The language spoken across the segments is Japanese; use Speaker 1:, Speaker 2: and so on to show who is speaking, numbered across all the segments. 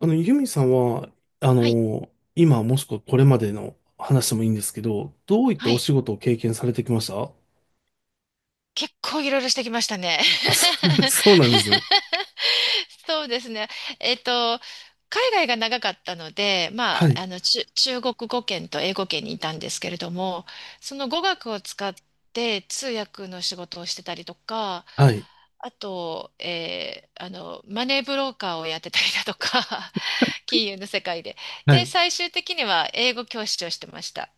Speaker 1: ユミさんは、
Speaker 2: はい。
Speaker 1: 今もしくはこれまでの話でもいいんですけど、どういった
Speaker 2: は
Speaker 1: お
Speaker 2: い。
Speaker 1: 仕事を経験されてきました？
Speaker 2: 結構いろいろしてきましたね。
Speaker 1: あ、そうなんですね。
Speaker 2: そうですね。えっと、海外が長かったので、ま
Speaker 1: は
Speaker 2: あ、
Speaker 1: い、
Speaker 2: 中国語圏と英語圏にいたんですけれども、その語学を使って通訳の仕事をしてたりとか、
Speaker 1: はい、
Speaker 2: あと、マネーブローカーをやってたりだとか、金融の世界で。
Speaker 1: は
Speaker 2: で、
Speaker 1: い。
Speaker 2: 最終的には英語教師をしてました。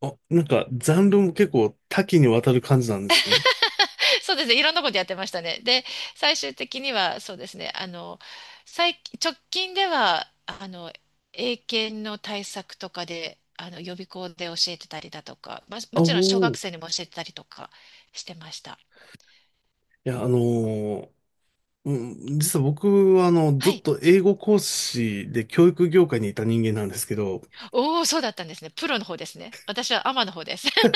Speaker 1: あ、なんか、ジャンルも結構多岐にわたる感じなんですね。
Speaker 2: そうですね。いろんなことやってましたね。で、最終的には、そうですね。直近では、英検の対策とかで、予備校で教えてたりだとか、まあ、も
Speaker 1: あ
Speaker 2: ちろん小
Speaker 1: おー。
Speaker 2: 学
Speaker 1: い
Speaker 2: 生にも教えてたりとかしてました。
Speaker 1: や、うん、実は僕は、ず
Speaker 2: は
Speaker 1: っ
Speaker 2: い。
Speaker 1: と英語講師で教育業界にいた人間なんですけど、
Speaker 2: おお、そうだったんですね。プロの方ですね。私はアマの方です。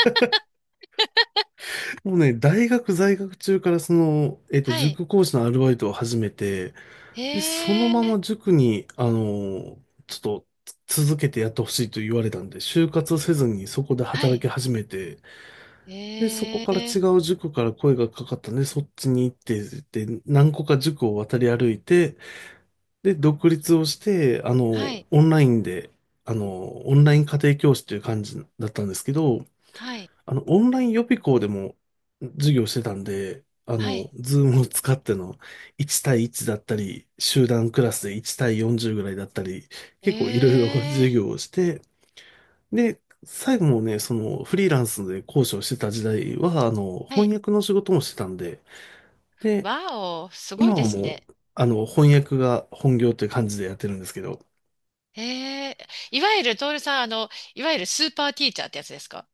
Speaker 1: もうね、大学在学中からその、
Speaker 2: はい。
Speaker 1: 塾講師のアルバイトを始めて、
Speaker 2: へ
Speaker 1: で、そのま
Speaker 2: え。
Speaker 1: ま塾に、あのーちょっと続けてやってほしいと言われたんで、就活せずにそこで
Speaker 2: は
Speaker 1: 働き
Speaker 2: い。
Speaker 1: 始めて、で、そこ
Speaker 2: へ
Speaker 1: から違
Speaker 2: え。
Speaker 1: う塾から声がかかったんで、そっちに行って、で、何個か塾を渡り歩いて、で、独立をして、
Speaker 2: はい。
Speaker 1: オンラインで、オンライン家庭教師という感じだったんですけど、
Speaker 2: はい。
Speaker 1: オンライン予備校でも授業してたんで、
Speaker 2: はい。
Speaker 1: ズームを使っての1対1だったり、集団クラスで1対40ぐらいだったり、結構いろいろ
Speaker 2: え
Speaker 1: 授
Speaker 2: え。
Speaker 1: 業をして、で、最後もね、そのフリーランスで講師をしてた時代は、
Speaker 2: はい。
Speaker 1: 翻訳の仕事もしてたんで、で、
Speaker 2: わお、すごい
Speaker 1: 今
Speaker 2: で
Speaker 1: は
Speaker 2: す
Speaker 1: も
Speaker 2: ね。
Speaker 1: う、翻訳が本業という感じでやってるんですけど、
Speaker 2: ええ、いわゆる、トールさん、あの、いわゆるスーパーティーチャーってやつですか？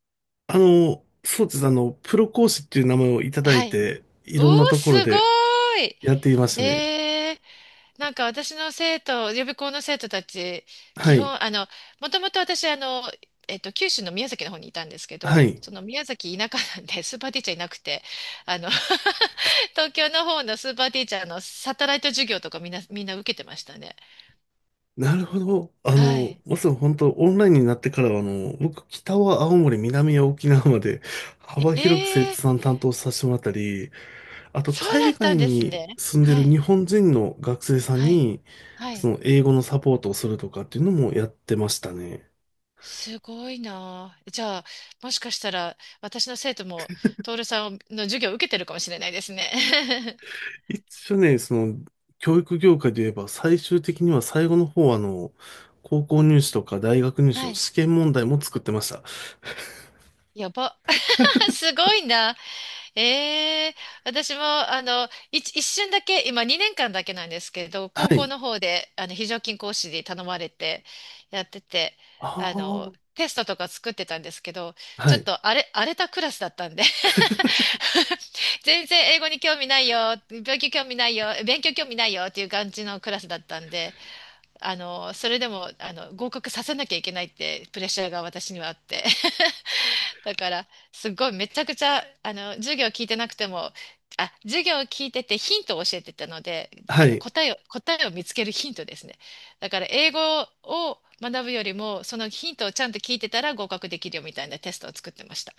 Speaker 1: そうですね、プロ講師っていう名前をいただ
Speaker 2: は
Speaker 1: い
Speaker 2: い。
Speaker 1: て、い
Speaker 2: お
Speaker 1: ろ
Speaker 2: ー、
Speaker 1: んなところ
Speaker 2: すごー
Speaker 1: で
Speaker 2: い。
Speaker 1: やっていましたね。
Speaker 2: ええ、なんか私の生徒、予備校の生徒たち、
Speaker 1: は
Speaker 2: 基
Speaker 1: い。
Speaker 2: 本、もともと私、九州の宮崎の方にいたんですけ
Speaker 1: は
Speaker 2: ど、
Speaker 1: い。
Speaker 2: その宮崎田舎なんで、スーパーティーチャーいなくて、あの 東京の方のスーパーティーチャーのサテライト授業とかみんな受けてましたね。
Speaker 1: なるほど。
Speaker 2: はい。
Speaker 1: まさに本当、オンラインになってからは、僕、北は青森、南は沖縄まで、幅
Speaker 2: え
Speaker 1: 広く生徒
Speaker 2: え、
Speaker 1: さん担当させてもらったり、あと、
Speaker 2: そう
Speaker 1: 海
Speaker 2: だった
Speaker 1: 外
Speaker 2: んです
Speaker 1: に
Speaker 2: ね。
Speaker 1: 住んで
Speaker 2: は
Speaker 1: る
Speaker 2: い、
Speaker 1: 日本人の学生さん
Speaker 2: はい、
Speaker 1: に、
Speaker 2: は
Speaker 1: そ
Speaker 2: い。
Speaker 1: の、英語のサポートをするとかっていうのもやってましたね。
Speaker 2: すごいなあ。じゃあ、もしかしたら、私の生徒も、徹さんの授業を受けてるかもしれないですね。
Speaker 1: 一応ね、その、教育業界で言えば、最終的には最後の方は、高校入試とか大学 入試
Speaker 2: は
Speaker 1: の
Speaker 2: い。
Speaker 1: 試験問題も作ってました。
Speaker 2: やば。すごいな。ええ、私も、一瞬だけ、今2年間だけなんですけど、高
Speaker 1: は
Speaker 2: 校
Speaker 1: い。
Speaker 2: の方で、非常勤講師に頼まれて、やってて、
Speaker 1: ああ、
Speaker 2: テストとか作ってたんですけど、
Speaker 1: は
Speaker 2: ちょっ
Speaker 1: い。
Speaker 2: と荒れたクラスだったんで 全然英語に興味ないよ、勉強興味ないよ、勉強興味ないよっていう感じのクラスだったんで、それでも、合格させなきゃいけないってプレッシャーが私にはあって。だから、すごいめちゃくちゃ、授業聞いてなくても、授業を聞いててヒントを教えてたので、
Speaker 1: はい。
Speaker 2: 答えを見つけるヒントですね。だから、英語を学ぶよりも、そのヒントをちゃんと聞いてたら合格できるよみたいなテストを作ってました。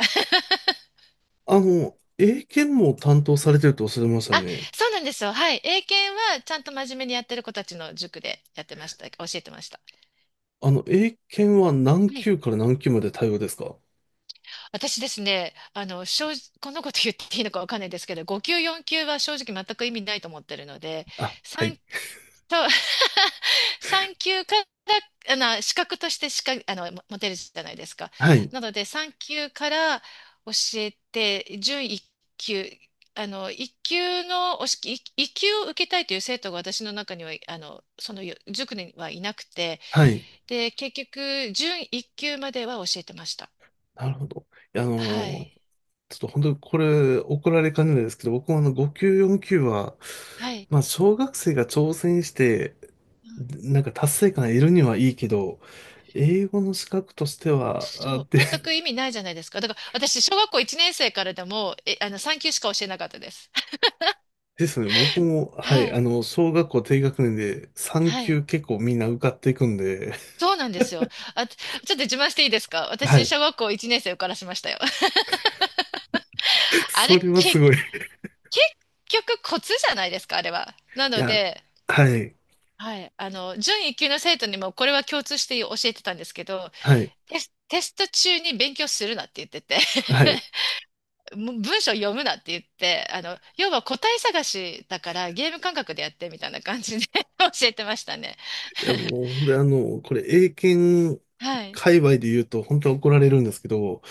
Speaker 1: 英検も担当されてるとおっしゃいました
Speaker 2: あ、
Speaker 1: ね。
Speaker 2: そうなんですよ。はい。英検はちゃんと真面目にやってる子たちの塾でやってました。教えてました。
Speaker 1: 英検は何
Speaker 2: はい。
Speaker 1: 級から何級まで対応ですか？
Speaker 2: 私ですね、正直、こんなこと言っていいのかわかんないですけど、5級、4級は正直全く意味ないと思ってるので、
Speaker 1: あ、は
Speaker 2: さん
Speaker 1: い。
Speaker 2: と、産休から、資格としてしか、も持てるじゃないですか。
Speaker 1: はい。
Speaker 2: なので、産休から教えて、準一級、あの、一級の、一級を受けたいという生徒が私の中には、その塾にはいなくて、
Speaker 1: はい。
Speaker 2: で、結局、準一級までは教えてました。
Speaker 1: なるほど。いやあ
Speaker 2: は
Speaker 1: の
Speaker 2: い。
Speaker 1: ーちょっと本当にこれ怒られかねないですけど、僕もあの5級、4級は、
Speaker 2: はい。
Speaker 1: まあ小学生が挑戦して、
Speaker 2: うん。
Speaker 1: なんか達成感得るにはいいけど、英語の資格としては、あ、
Speaker 2: そう、
Speaker 1: で、
Speaker 2: 全 く意味ないじゃないですか。だから、私、小学校1年生からでも、え、あの、産級しか教えなかったです。
Speaker 1: ですね、僕も、は
Speaker 2: は
Speaker 1: い、
Speaker 2: い。
Speaker 1: 小学校低学年で
Speaker 2: はい。
Speaker 1: 3級結構みんな受かっていくんで、
Speaker 2: そうなんですよ。あ、ちょっと自慢していいですか？
Speaker 1: は
Speaker 2: 私、
Speaker 1: い。
Speaker 2: 小学校1年生受からしましたよ。あれ、
Speaker 1: それは
Speaker 2: け、
Speaker 1: す
Speaker 2: 結
Speaker 1: ごい。い
Speaker 2: 局コツじゃないですか、あれは。なの
Speaker 1: や、
Speaker 2: で、
Speaker 1: はい、
Speaker 2: はい、準一級の生徒にもこれは共通して教えてたんですけど、
Speaker 1: はい、
Speaker 2: テスト中に勉強するなって言ってて、
Speaker 1: はい。
Speaker 2: もう文章読むなって言って、要は答え探しだからゲーム感覚でやってみたいな感じで 教えてましたね。
Speaker 1: いや、もう、本当にこれ、英検
Speaker 2: はい。
Speaker 1: 界隈で言うと、本当は怒られるんですけど、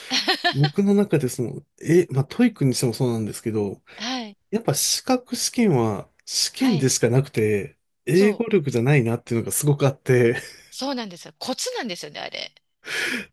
Speaker 1: 僕 の中でその、え、まあ、トイックにしてもそうなんですけど、
Speaker 2: はい。
Speaker 1: やっぱ資格試験は試
Speaker 2: は
Speaker 1: 験
Speaker 2: い。
Speaker 1: でしかなくて、英
Speaker 2: そう。
Speaker 1: 語力じゃないなっていうのがすごくあって、
Speaker 2: そうなんですよ。コツなんですよね、あれ。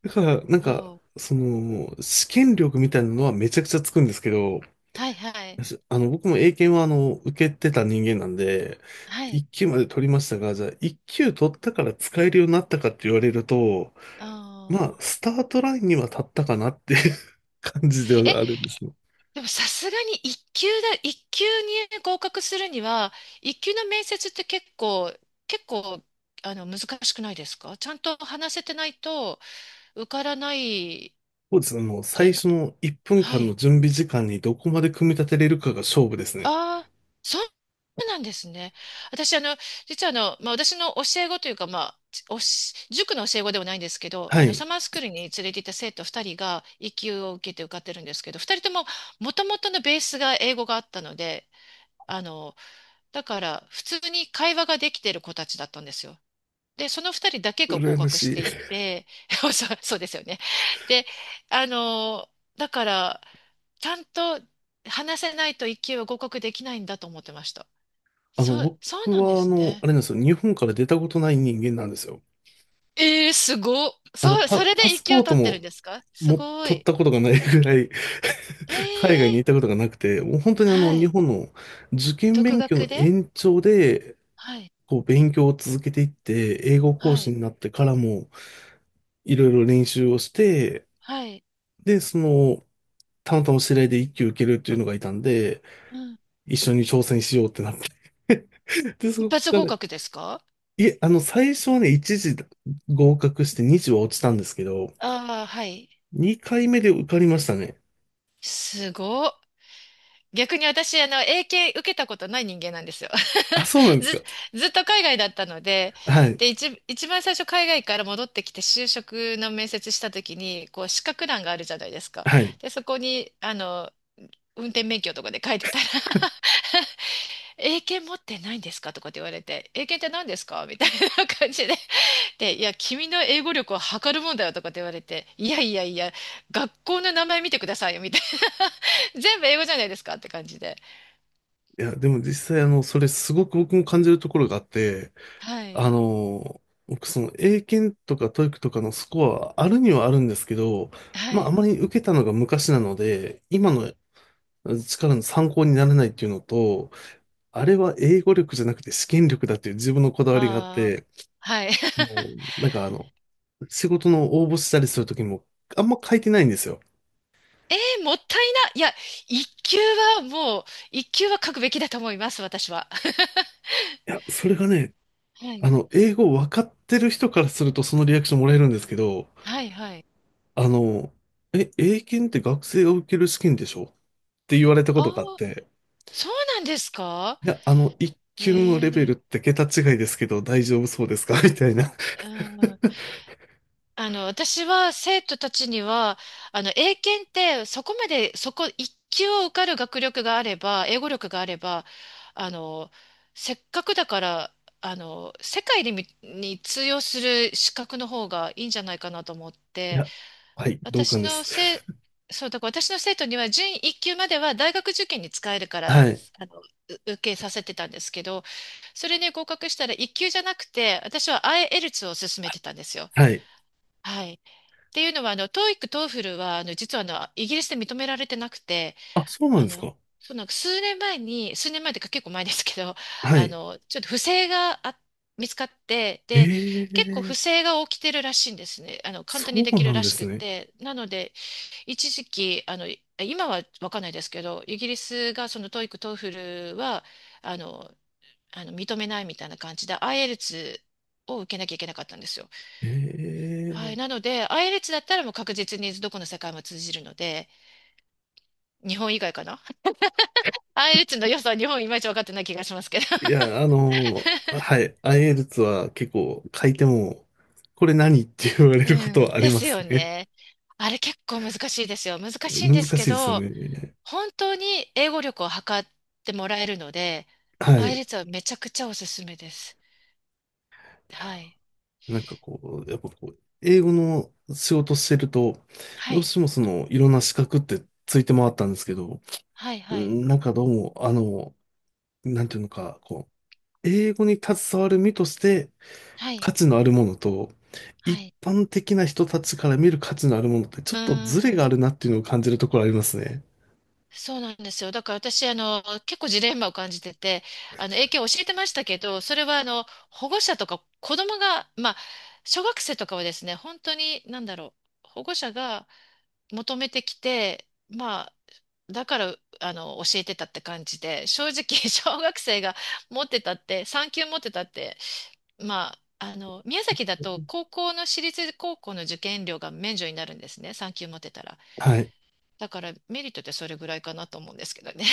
Speaker 1: だから、なんか、
Speaker 2: そう。
Speaker 1: その、試験力みたいなのはめちゃくちゃつくんですけど、
Speaker 2: はい、はい。
Speaker 1: あの、僕も英検は受けてた人間なんで、
Speaker 2: はい。
Speaker 1: 1級まで取りましたが、じゃあ1級取ったから使えるようになったかって言われると、
Speaker 2: あ
Speaker 1: まあ、
Speaker 2: あ。
Speaker 1: スタートラインには立ったかなっていう 感じで
Speaker 2: え、
Speaker 1: はあるんですね。
Speaker 2: でもさすがに一級に合格するには、一級の面接って結構、難しくないですか？ちゃんと話せてないと受からない
Speaker 1: そうですね。もう
Speaker 2: じゃ
Speaker 1: 最
Speaker 2: ない。
Speaker 1: 初の1分
Speaker 2: は
Speaker 1: 間の
Speaker 2: い。
Speaker 1: 準備時間にどこまで組み立てれるかが勝負ですね。
Speaker 2: ああ、そうなんですね。私、あの、実はあの、まあ、私の教え子というか、まあ、塾の教え子ではないんですけど、
Speaker 1: はい。
Speaker 2: サマースクールに連れて行った生徒2人が、一級を受けて受かってるんですけど、2人とも、もともとのベースが英語があったので、あの、だから、普通に会話ができてる子たちだったんですよ。で、その二人だけが合
Speaker 1: 羨ま
Speaker 2: 格し
Speaker 1: しい。
Speaker 2: ていっ て、そう、そうですよね。で、あの、だから、ちゃんと話せないと一級は合格できないんだと思ってました。そう、そう
Speaker 1: 僕
Speaker 2: なんで
Speaker 1: は
Speaker 2: す
Speaker 1: あ
Speaker 2: ね。
Speaker 1: れなんですよ。日本から出たことない人間なんですよ。
Speaker 2: えー、すごっ。
Speaker 1: あの、
Speaker 2: そう、それ
Speaker 1: パ
Speaker 2: で一
Speaker 1: スポ
Speaker 2: 級
Speaker 1: ート
Speaker 2: 取ってるん
Speaker 1: も、
Speaker 2: ですか？す
Speaker 1: も、
Speaker 2: ご
Speaker 1: 取っ
Speaker 2: い。
Speaker 1: たことがないぐらい
Speaker 2: えー、
Speaker 1: 海外に行ったことがなくて、もう本当に
Speaker 2: は
Speaker 1: 日
Speaker 2: い。
Speaker 1: 本の受験
Speaker 2: 独
Speaker 1: 勉強の
Speaker 2: 学で、
Speaker 1: 延長で、
Speaker 2: はい、
Speaker 1: こう、勉強を続けていって、英語講
Speaker 2: は
Speaker 1: 師
Speaker 2: い、
Speaker 1: になってからも、いろいろ練習をして、
Speaker 2: はい。
Speaker 1: で、その、たまたま知り合いで一級受けるっていうのがいたんで、
Speaker 2: うん。
Speaker 1: 一緒に挑戦しようってなって で、そ
Speaker 2: 一
Speaker 1: こ
Speaker 2: 発
Speaker 1: か
Speaker 2: 合
Speaker 1: ら、
Speaker 2: 格ですか？
Speaker 1: いえ、最初はね、1次合格して2次は落ちたんですけど、
Speaker 2: ああー、はい。
Speaker 1: 2回目で受かりましたね。
Speaker 2: すごっ。逆に私、英検受けたことない人間なんですよ。
Speaker 1: あ、そうなん です
Speaker 2: ず、
Speaker 1: か。
Speaker 2: ずっと海外だったので、
Speaker 1: はい。
Speaker 2: で、一番最初海外から戻ってきて就職の面接した時に、こう、資格欄があるじゃないですか。
Speaker 1: はい。
Speaker 2: で、そこに、運転免許とかで書いてたら 英検持ってないんですかとかって言われて、英検って何ですかみたいな感じで。で、いや、君の英語力を測るもんだよとかって言われて、いやいやいや、学校の名前見てくださいよ、みたいな。全部英語じゃないですかって感じで。
Speaker 1: いや、でも実際、それすごく僕も感じるところがあって、
Speaker 2: は
Speaker 1: あ
Speaker 2: い。
Speaker 1: の、僕、その、英検とかトー e i とかのスコアはあるにはあるんですけど、
Speaker 2: は
Speaker 1: まあ、あ
Speaker 2: い。
Speaker 1: まり受けたのが昔なので、今の力の参考にならないっていうのと、あれは英語力じゃなくて試験力だっていう自分のこだわりがあっ
Speaker 2: ああ。
Speaker 1: て、
Speaker 2: はい。
Speaker 1: もう、なんかあの、仕事の応募したりするときも、あんま書いてないんですよ。
Speaker 2: えー、もったいな。いや、一級はもう、一級は書くべきだと思います、私は。
Speaker 1: いや、それがね、
Speaker 2: はい。
Speaker 1: 英語分かってる人からするとそのリアクションもらえるんですけど、
Speaker 2: はい、はい。
Speaker 1: あの、え、英検って学生が受ける試験でしょって言われたこ
Speaker 2: あ
Speaker 1: とがあっ
Speaker 2: あ、
Speaker 1: て、
Speaker 2: そうなんですか？
Speaker 1: いや、一級の
Speaker 2: え
Speaker 1: レベ
Speaker 2: え、
Speaker 1: ルって桁違いですけど大丈夫そうですか？ みたいな。
Speaker 2: うん、私は生徒たちには、英検ってそこ一級を受かる学力があれば、英語力があれば、あの、せっかくだから、世界にに通用する資格の方がいいんじゃないかなと思っ
Speaker 1: い
Speaker 2: て、
Speaker 1: や、はい、同
Speaker 2: 私
Speaker 1: 感で
Speaker 2: の
Speaker 1: す。
Speaker 2: せ、そう、だから私の生徒には準一級までは大学受験に使えるから、
Speaker 1: はい、
Speaker 2: あの、う受けさせてたんですけど、それに合格したら一級じゃなくて、私は IELTS を勧めてたんですよ。
Speaker 1: はい。
Speaker 2: はい。っていうのは、TOEIC、TOEFL は、実は、イギリスで認められてなくて、
Speaker 1: あ、そうなん
Speaker 2: あ
Speaker 1: です
Speaker 2: の、
Speaker 1: か。
Speaker 2: その数年前に、数年前というか結構前ですけど、
Speaker 1: はい。
Speaker 2: ちょっと不正があ見つかって、で、
Speaker 1: え
Speaker 2: 結構不
Speaker 1: え、
Speaker 2: 正が起きてるらしいんですね。簡
Speaker 1: そ
Speaker 2: 単にで
Speaker 1: う
Speaker 2: きる
Speaker 1: なん
Speaker 2: ら
Speaker 1: で
Speaker 2: し
Speaker 1: す
Speaker 2: く
Speaker 1: ね。
Speaker 2: て。なので、一時期、今はわかんないですけど、イギリスがその TOEIC、TOEFL は、あの、認めないみたいな感じで、IELTS を受けなきゃいけなかったんですよ。
Speaker 1: え
Speaker 2: はい。なので、i イ l t だったらもう確実にどこの世界も通じるので、日本以外かな。 i イ l t の良さは日本いまいち分かってない気がしますけど。
Speaker 1: え。い や、はい、IELTS は結構書いても、これ何って言われるこ
Speaker 2: う
Speaker 1: とは
Speaker 2: ん。
Speaker 1: あり
Speaker 2: で
Speaker 1: ま
Speaker 2: す
Speaker 1: す
Speaker 2: よ
Speaker 1: ね。
Speaker 2: ね。あれ結構難しいですよ。難しいん
Speaker 1: 難
Speaker 2: ですけ
Speaker 1: しいですよ
Speaker 2: ど、
Speaker 1: ね。
Speaker 2: 本当に英語力を測ってもらえるので、
Speaker 1: は
Speaker 2: i イ
Speaker 1: い。
Speaker 2: l t はめちゃくちゃおすすめです。はい。
Speaker 1: なんかこう、やっぱこう、英語の仕事してると、
Speaker 2: は
Speaker 1: どう
Speaker 2: い。
Speaker 1: してもその、いろんな資格ってついて回ったんですけど、
Speaker 2: はい。
Speaker 1: う
Speaker 2: はい。
Speaker 1: んなんかどうも、なんていうのか、こう、英語に携わる身として
Speaker 2: はい。
Speaker 1: 価値のあるものと、
Speaker 2: は
Speaker 1: 一
Speaker 2: い。
Speaker 1: 般的な人たちから見る価値のあるものって、ち
Speaker 2: う
Speaker 1: ょっとズレ
Speaker 2: ー
Speaker 1: があ
Speaker 2: ん。
Speaker 1: るなっていうのを感じるところありますね。
Speaker 2: そうなんですよ。だから私、結構ジレンマを感じてて、英検教えてましたけど、それは、保護者とか子供が、まあ、小学生とかはですね、本当に、なんだろう、保護者が求めてきて、まあ、だから、教えてたって感じで、正直、小学生が持ってたって、3級持ってたって、まあ、宮崎だと、高校の私立高校の受験料が免除になるんですね、3級持ってたら。
Speaker 1: はい。
Speaker 2: だから、メリットってそれぐらいかなと思うんですけどね。